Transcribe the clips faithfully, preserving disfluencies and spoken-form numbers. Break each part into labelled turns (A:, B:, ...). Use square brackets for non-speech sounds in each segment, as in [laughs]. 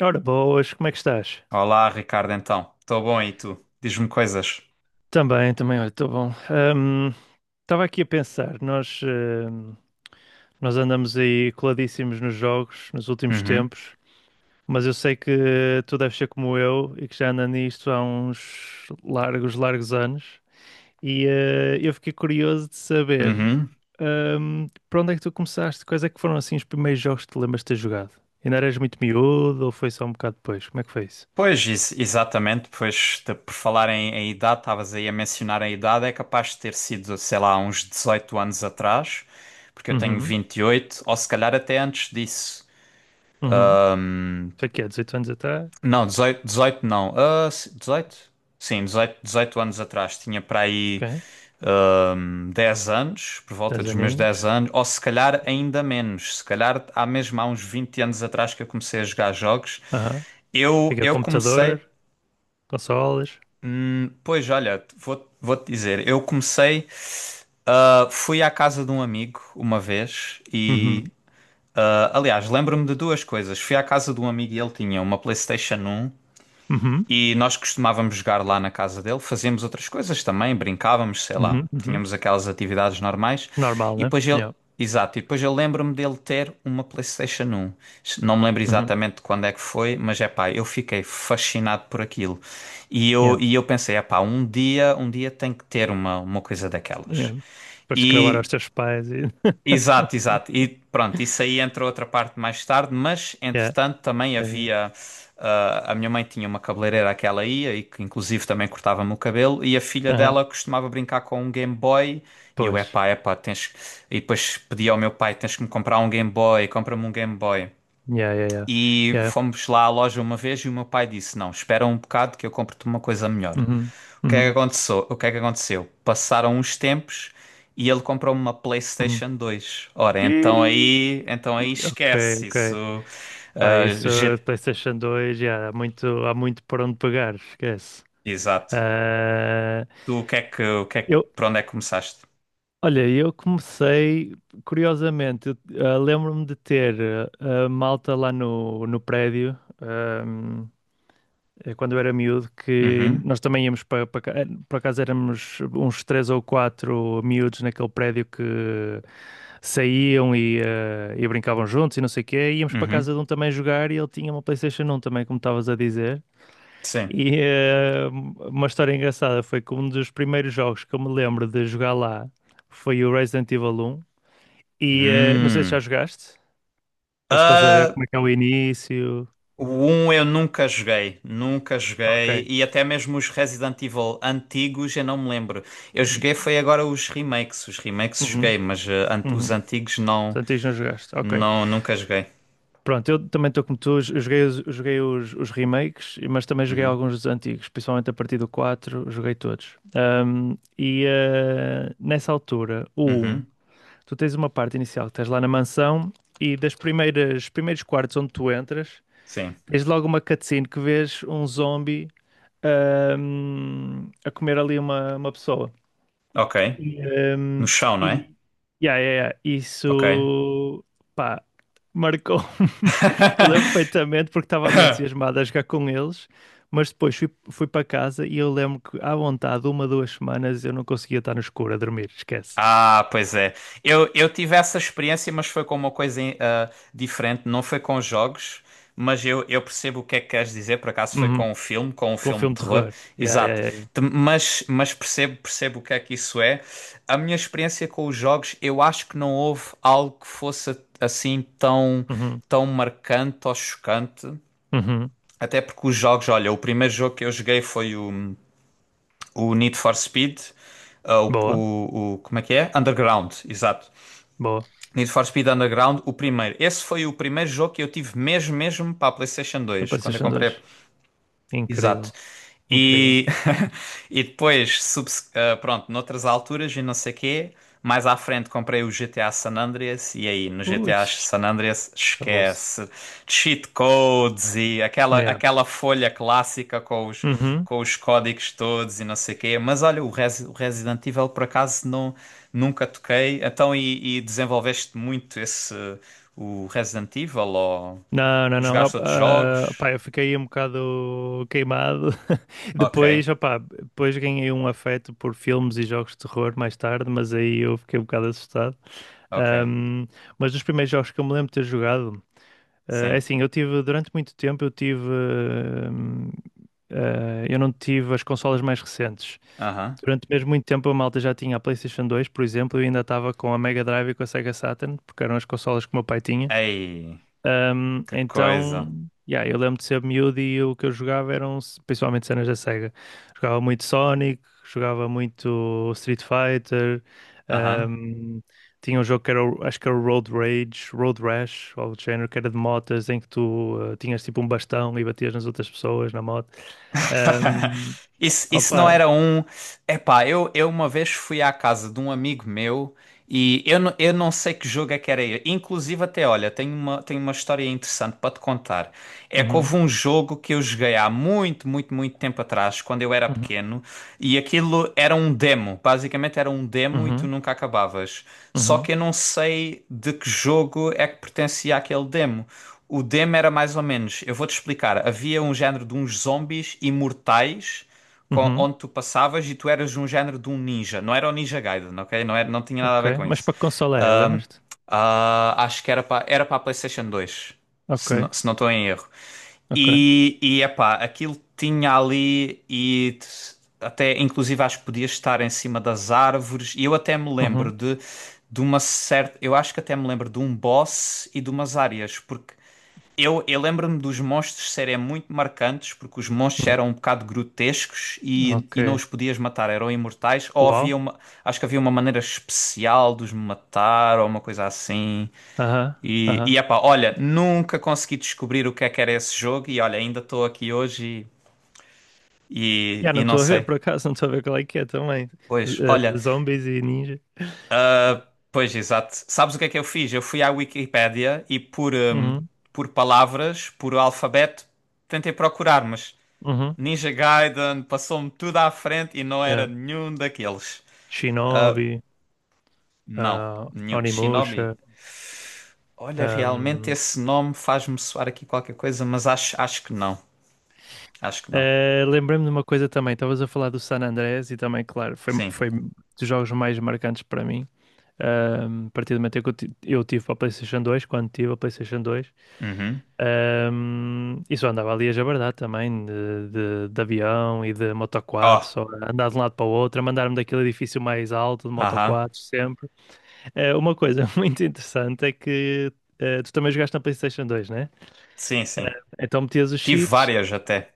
A: Ora, boas, como é que estás?
B: Olá, Ricardo, então. Estou bom e tu? Diz-me coisas.
A: Também, também, olha, estou bom. Estava aqui a pensar, nós, ahm, nós andamos aí coladíssimos nos jogos nos últimos
B: Uhum,
A: tempos, mas eu sei que tu deves ser como eu e que já anda nisto há uns largos, largos anos, e eh, eu fiquei curioso de saber
B: uhum.
A: ahm, para onde é que tu começaste, quais é que foram assim os primeiros jogos que te lembras de ter jogado? Ainda eras muito miúdo ou foi só um bocado depois? Como é que foi isso?
B: Pois, ex- exatamente. Pois, de- por falar em, em idade, estavas aí a mencionar a idade, é capaz de ter sido, sei lá, uns dezoito anos atrás, porque eu tenho
A: Uhum,
B: vinte e oito. Ou se calhar até antes disso.
A: uhum.
B: Hum.
A: Foi que é dezoito anos até?
B: Não, dezoito, dezoito não. Ah, se- dezoito? Sim, dezoito, dezoito anos atrás. Tinha para aí
A: Ok.
B: dez anos, por volta
A: dez
B: dos meus dez
A: aninhos.
B: anos, ou se calhar ainda menos, se calhar há mesmo há uns vinte anos atrás que eu comecei a jogar jogos.
A: Aham.
B: Eu,
A: Fica
B: eu comecei,
A: computador, consoles.
B: hum, pois olha, vou, vou-te dizer, eu comecei, ah, fui à casa de um amigo uma vez e,
A: Uhum.
B: ah, aliás, lembro-me de duas coisas. Fui à casa de um amigo e ele tinha uma PlayStation um.
A: Uhum.
B: E nós costumávamos jogar lá na casa dele, fazíamos outras coisas também, brincávamos, sei lá,
A: Uhum. Uhum.
B: tínhamos aquelas atividades normais.
A: Normal,
B: E
A: né?
B: depois ele,
A: Yeah.
B: exato, e depois eu lembro-me dele ter uma PlayStation um. Não me lembro
A: Uhum.
B: exatamente de quando é que foi, mas é pá, eu fiquei fascinado por aquilo. E eu,
A: Yeah.
B: e eu pensei, é pá, um dia, um dia tem que ter uma, uma coisa daquelas.
A: Yeah. Depois de cravar aos
B: E
A: teus pais e.
B: exato,
A: [laughs]
B: exato. E pronto, isso aí entra outra parte mais tarde, mas
A: Yeah.
B: entretanto também
A: Yeah, yeah.
B: havia. ah, a minha mãe tinha uma cabeleireira a que ela ia e que inclusive também cortava-me o cabelo, e a filha
A: Aham.
B: dela costumava brincar com um Game Boy. E eu,
A: Pois.
B: epá, epá, tens. Que-" E depois pedia ao meu pai: tens que me comprar um Game Boy, compra-me um Game Boy.
A: Yeah, yeah, yeah.
B: E
A: Yeah.
B: fomos lá à loja uma vez e o meu pai disse: Não, espera um bocado que eu compro-te uma coisa melhor.
A: Uhum.
B: O que é
A: Uhum.
B: que aconteceu? O que é que aconteceu? Passaram uns tempos e ele comprou uma
A: Uhum.
B: PlayStation dois. Ora, então
A: Ih,
B: aí, então aí
A: ok,
B: esquece
A: ok.
B: isso.
A: Pá,
B: ah,
A: isso.
B: G-
A: PlayStation dois, yeah, há muito, há muito por onde pegar, esquece.
B: Exato.
A: Ah,
B: Tu o que é que, o que é que,
A: eu,
B: por onde é que começaste?
A: olha, eu comecei, curiosamente, eu, ah, lembro-me de ter ah, a malta lá no, no prédio, ahm, eh, quando eu era miúdo, que
B: Uhum,
A: nós também íamos para, para, ca- eh, por acaso éramos uns três ou quatro miúdos naquele prédio que saíam e, ah, e brincavam juntos e não sei o quê, e íamos para a
B: uhum,
A: casa de um também jogar e ele tinha uma PlayStation um também, como estavas a dizer.
B: sim.
A: E eh, uma história engraçada foi que um dos primeiros jogos que eu me lembro de jogar lá foi o Resident Evil um. E eh, não sei se já
B: Hum.
A: jogaste, ou se estás a ver
B: Ah,
A: como é que é o início.
B: o um eu nunca joguei, nunca
A: Ok.
B: joguei, e até mesmo os Resident Evil antigos eu não me lembro. Eu joguei foi agora os remakes, os remakes
A: Uhum,
B: joguei, mas eh, ant- os
A: uhum.
B: antigos não,
A: Portanto, não jogaste. Ok.
B: não, nunca joguei.
A: Pronto, eu também estou como tu, eu joguei, os, eu joguei os, os remakes, mas também joguei
B: Uhum,
A: alguns dos antigos, principalmente a partir do quatro joguei todos. Ahm, e eh, nessa altura, o um,
B: uhum,
A: tu tens uma parte inicial que estás lá na mansão e das primeiras primeiros quartos onde tu entras,
B: sim,
A: tens logo uma cutscene que vês um zombie ahm, a comer ali uma, uma pessoa.
B: ok.
A: E,
B: No
A: ahm,
B: chão, não é?
A: e yeah, yeah, yeah,
B: Ok.
A: isso. Pá, marcou-me. [laughs] Eu lembro
B: [laughs]
A: perfeitamente porque estava ali entusiasmado a jogar com eles. Mas depois fui, fui para casa e eu lembro que, à vontade, uma, duas semanas eu não conseguia estar no escuro a dormir, esquece.
B: Ah, pois é. Eu, eu tive essa experiência, mas foi com uma coisa ah, diferente. Não foi com jogos, mas eu, eu percebo o que é que queres dizer. Por acaso foi
A: Uhum.
B: com um filme, com um
A: Com
B: filme de
A: filme de
B: terror.
A: terror. Yeah, yeah,
B: Exato.
A: yeah, yeah.
B: Te- Mas, mas percebo, percebo o que é que isso é. A minha experiência com os jogos, eu acho que não houve algo que fosse assim tão,
A: Uhum,
B: tão marcante ou chocante.
A: uhum.
B: Até porque os jogos, olha, o primeiro jogo que eu joguei foi o, o Need for Speed. Uh, o,
A: Boa,
B: o, o- como é que é? Underground, exato.
A: boa.
B: Need for Speed Underground, o primeiro. Esse foi o primeiro jogo que eu tive mesmo, mesmo para a PlayStation
A: Na
B: dois. Quando eu
A: PlayStation dois.
B: comprei
A: Incrível,
B: exato.
A: incrível.
B: E, [laughs] e depois, subse- ah, pronto, noutras alturas e não sei quê, mais à frente comprei o G T A San Andreas e aí no
A: Ui,
B: G T A San Andreas
A: acabou-se.
B: esquece cheat codes e aquela,
A: Yeah.
B: aquela folha clássica com os,
A: Uhum.
B: com os códigos todos e não sei quê. Mas olha, o, Resi- o Resident Evil por acaso não, nunca toquei. Então, e, e desenvolveste muito esse, o Resident Evil ou
A: Não, não, não. Eu,
B: jogaste outros
A: ah,
B: jogos?
A: pá, eu fiquei um bocado queimado. [laughs]
B: Ok,
A: Depois, opá, depois ganhei um afeto por filmes e jogos de terror mais tarde, mas aí eu fiquei um bocado assustado.
B: ok.
A: Ahm, mas dos primeiros jogos que eu me lembro de ter jogado, ah, é
B: Sim.
A: assim, eu tive, durante muito tempo, eu tive. ahm, ah, eu não tive as consolas mais recentes.
B: Aham.
A: Durante mesmo muito tempo a malta já tinha a PlayStation dois, por exemplo, e ainda estava com a Mega Drive e com a Sega Saturn, porque eram as consolas que o meu pai tinha.
B: Ei,
A: Ahm,
B: que
A: então,
B: coisa.
A: yeah, eu lembro de ser miúdo e o que eu jogava eram s- principalmente cenas da Sega. Jogava muito Sonic, jogava muito Street Fighter,
B: Aham.
A: ahm, tinha um jogo que era, o- acho que era o Road Rage, Road Rash, ou algo do género, que era de motas, em que tu ah, tinhas tipo um bastão e batias nas outras pessoas na moto.
B: [laughs]
A: Ahm,
B: Isso, isso não
A: Opa!
B: era um. Epá, eu, eu uma vez fui à casa de um amigo meu e eu, não- eu não sei que jogo é que era ele. Inclusive, até olha, tenho uma, tenho uma história interessante para te contar. É que houve
A: Uhum,
B: um jogo que eu joguei há muito, muito, muito tempo atrás, quando eu era
A: uhum,
B: pequeno, e aquilo era um demo. Basicamente era um demo e tu
A: uhum.
B: nunca acabavas. Só
A: Uhum,
B: que eu não sei de que jogo é que pertencia aquele demo. O demo era mais ou menos, eu vou-te explicar. Havia um género de uns zombies imortais com-
A: uhum,
B: onde tu passavas e tu eras um género de um ninja. Não era o Ninja Gaiden, ok? Não era, não tinha nada a
A: ok.
B: ver com
A: Mas
B: isso.
A: para que consola é?
B: Ahm,
A: Lembras-te?
B: ah, acho que era para era para a PlayStation dois,
A: Ok,
B: se não, se não estou em erro.
A: ok.
B: E, e epá, aquilo tinha ali e t- até inclusive acho que podias estar em cima das árvores. E eu até me
A: Uhum,
B: lembro de, de uma certa. Eu acho que até me lembro de um boss e de umas áreas, porque eu, eu lembro-me dos monstros serem muito marcantes, porque os monstros
A: uhum,
B: eram um bocado grotescos e,
A: ok.
B: e não os podias matar, eram imortais, ou havia
A: Uau.
B: uma, acho que havia uma maneira especial de os matar, ou uma coisa assim.
A: Aham,
B: E,
A: aham.
B: e epá, olha, nunca consegui descobrir o que é que era esse jogo, e olha, ainda estou aqui hoje e,
A: Já
B: e,
A: não
B: e não
A: estou a ver,
B: sei.
A: por acaso, não estou a ver qual é que é também. Z-
B: Pois, olha,
A: eh, zombies e ninja.
B: pois exato. Sabes o que é que eu fiz? Eu fui à Wikipédia e por, hum,
A: Uhum,
B: por palavras, por alfabeto, tentei procurar, mas.
A: uhum,
B: Ninja Gaiden passou-me tudo à frente e não
A: yeah.
B: era nenhum daqueles.
A: Shinobi,
B: Não,
A: ah,
B: nenhum. Shinobi.
A: Onimusha.
B: Olha, realmente
A: ahm.
B: esse nome faz-me soar aqui qualquer coisa, mas acho, acho que não. Acho que não.
A: Eh, lembrei-me de uma coisa também. Estavas a falar do San Andreas e também, claro, foi,
B: Sim.
A: foi dos jogos mais marcantes para mim. Ahm, a partir do momento em que eu, ti- eu tive a PlayStation dois quando tive a PlayStation dois.
B: Uhum.
A: Ahm, e só andava ali a jabardar também, de, de, de avião e de moto quatro,
B: Oh,
A: só a andar de um lado para o outro, a mandar-me daquele edifício mais alto de moto
B: aham.
A: quatro, sempre. Eh, uma coisa [laughs] muito interessante é que eh, tu também jogaste na PlayStation dois, né?
B: Sim, sim.
A: Eh, então metias os
B: Tive
A: cheats,
B: várias até.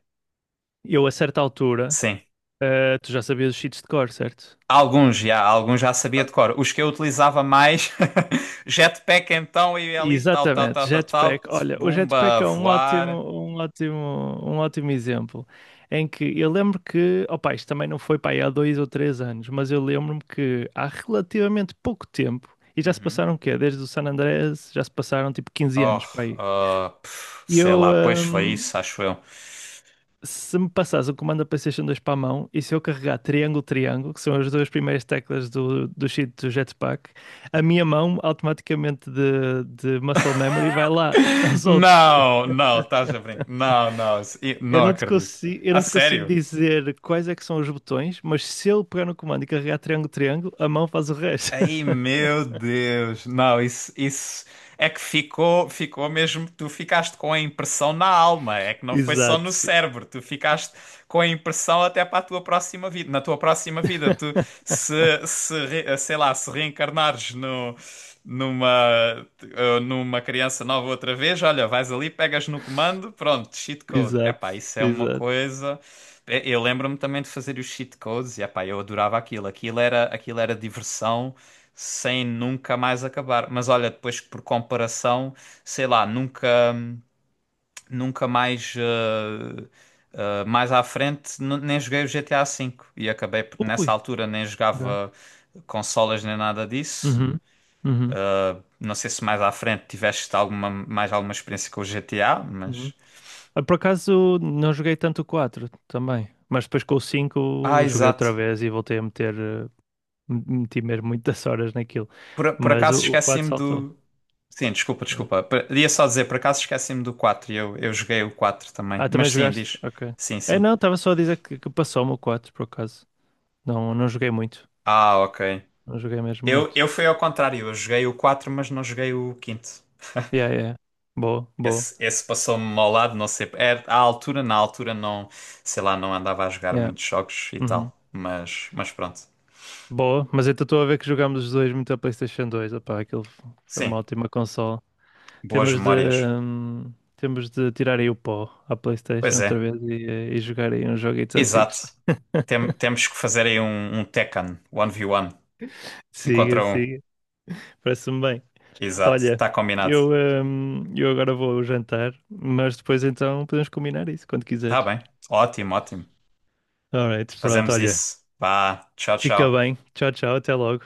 A: eu a certa altura,
B: Sim.
A: eh, tu já sabias os cheats de cor, certo?
B: Alguns já, alguns já sabia de cor. Os que eu utilizava mais, [laughs] Jetpack então, e ali, tal, tal, tal,
A: Exatamente,
B: tal, tal,
A: Jetpack. Olha, o Jetpack
B: bumba,
A: é um ótimo,
B: voar.
A: um ótimo, um ótimo exemplo. Em que eu lembro que, opa, isto também não foi para aí há dois ou três anos, mas eu lembro-me que há relativamente pouco tempo, e já se
B: Uhum.
A: passaram o quê? Desde o San Andreas, já se passaram tipo quinze
B: Oh,
A: anos para aí.
B: ah, pff,
A: E
B: sei
A: eu,
B: lá, pois foi
A: hum,
B: isso, acho eu.
A: Se me passares o comando da PlayStation dois para a mão e se eu carregar triângulo, triângulo, que são as duas primeiras teclas do, do cheat do Jetpack, a minha mão automaticamente de, de muscle memory vai lá [laughs]
B: [laughs]
A: aos outros.
B: Não, não, estás a brincar. Não, não, isso- i-
A: Eu
B: não
A: não te
B: acredito.
A: consigo, eu
B: A
A: não te consigo
B: sério?
A: dizer quais é que são os botões, mas se eu pegar no comando e carregar triângulo, triângulo, a mão faz o resto.
B: Ai,
A: [laughs]
B: meu Deus. Não, isso, isso é que ficou, ficou mesmo. Tu ficaste com a impressão na alma. É que não foi só no
A: Exato, fi-
B: cérebro. Tu ficaste com a impressão até para a tua próxima vida. Na tua próxima vida, tu
A: [laughs]
B: se, se re- sei lá, se reencarnares no, numa, eh, numa criança nova outra vez, olha, vais ali, pegas no comando, pronto, cheat code.
A: exato,
B: Epá, isso é uma
A: exato.
B: coisa. Eu lembro-me também de fazer os cheat codes e epá, eu adorava aquilo. Aquilo era, aquilo era diversão sem nunca mais acabar. Mas olha, depois por comparação, sei lá, nunca, nunca mais, eh, eh, mais à frente, n- nem joguei o G T A cinco e acabei por- nessa
A: Ui,
B: altura nem
A: ok.
B: jogava consolas nem nada disso.
A: Uhum, uhum,
B: Não sei se mais à frente tiveste alguma, mais alguma experiência com o G T A,
A: uhum.
B: mas.
A: Ah, por acaso não joguei tanto o quatro também, mas depois com o
B: Ah,
A: cinco joguei outra
B: exato.
A: vez e voltei a meter, eh, meti mesmo muitas [laughs] horas naquilo.
B: Por, por
A: Mas o,
B: acaso
A: o quatro
B: esqueci-me
A: saltou,
B: do. Sim, desculpa,
A: né?
B: desculpa. Por- Ia só dizer, por acaso esqueci-me do quatro e eu, eu joguei o quatro também.
A: Ah, também
B: Mas sim,
A: jogaste?
B: diz.
A: Ok.
B: Sim,
A: É,
B: sim.
A: não, estava só a dizer que, que, passou-me o quatro por acaso. Não, não joguei muito.
B: Ah, ok.
A: Não joguei mesmo
B: Eu, eu
A: muito.
B: fui ao contrário, eu joguei o quatro mas não joguei o quinto.
A: Yeah, yeah. Boa, boa.
B: Esse, esse passou-me ao lado, não sei. Era, à altura, na altura, não, sei lá, não andava a jogar
A: Yeah.
B: muitos jogos e
A: Uhum.
B: tal. Mas, mas pronto.
A: Boa, mas então estou a ver que jogámos os dois muito a PlayStation dois. Opá, aquilo foi uma
B: Sim,
A: ótima consola.
B: boas
A: Temos de,
B: memórias.
A: hum, temos de tirar aí o pó à PlayStation
B: Pois
A: outra
B: é,
A: vez e, eh, e jogar aí uns joguitos
B: exato.
A: antigos. [laughs]
B: Tem- temos que fazer aí um, um Tekken um contra um, um um
A: Siga,
B: contra um.
A: siga. Parece-me bem.
B: Exato,
A: Olha,
B: está combinado.
A: eu, hum, eu agora vou jantar, mas depois então podemos combinar isso quando
B: Está
A: quiseres.
B: bem, ótimo, ótimo.
A: Alright, pronto,
B: Fazemos
A: olha.
B: isso. Vá, tchau,
A: Fica
B: tchau.
A: bem. Tchau, tchau. Até logo.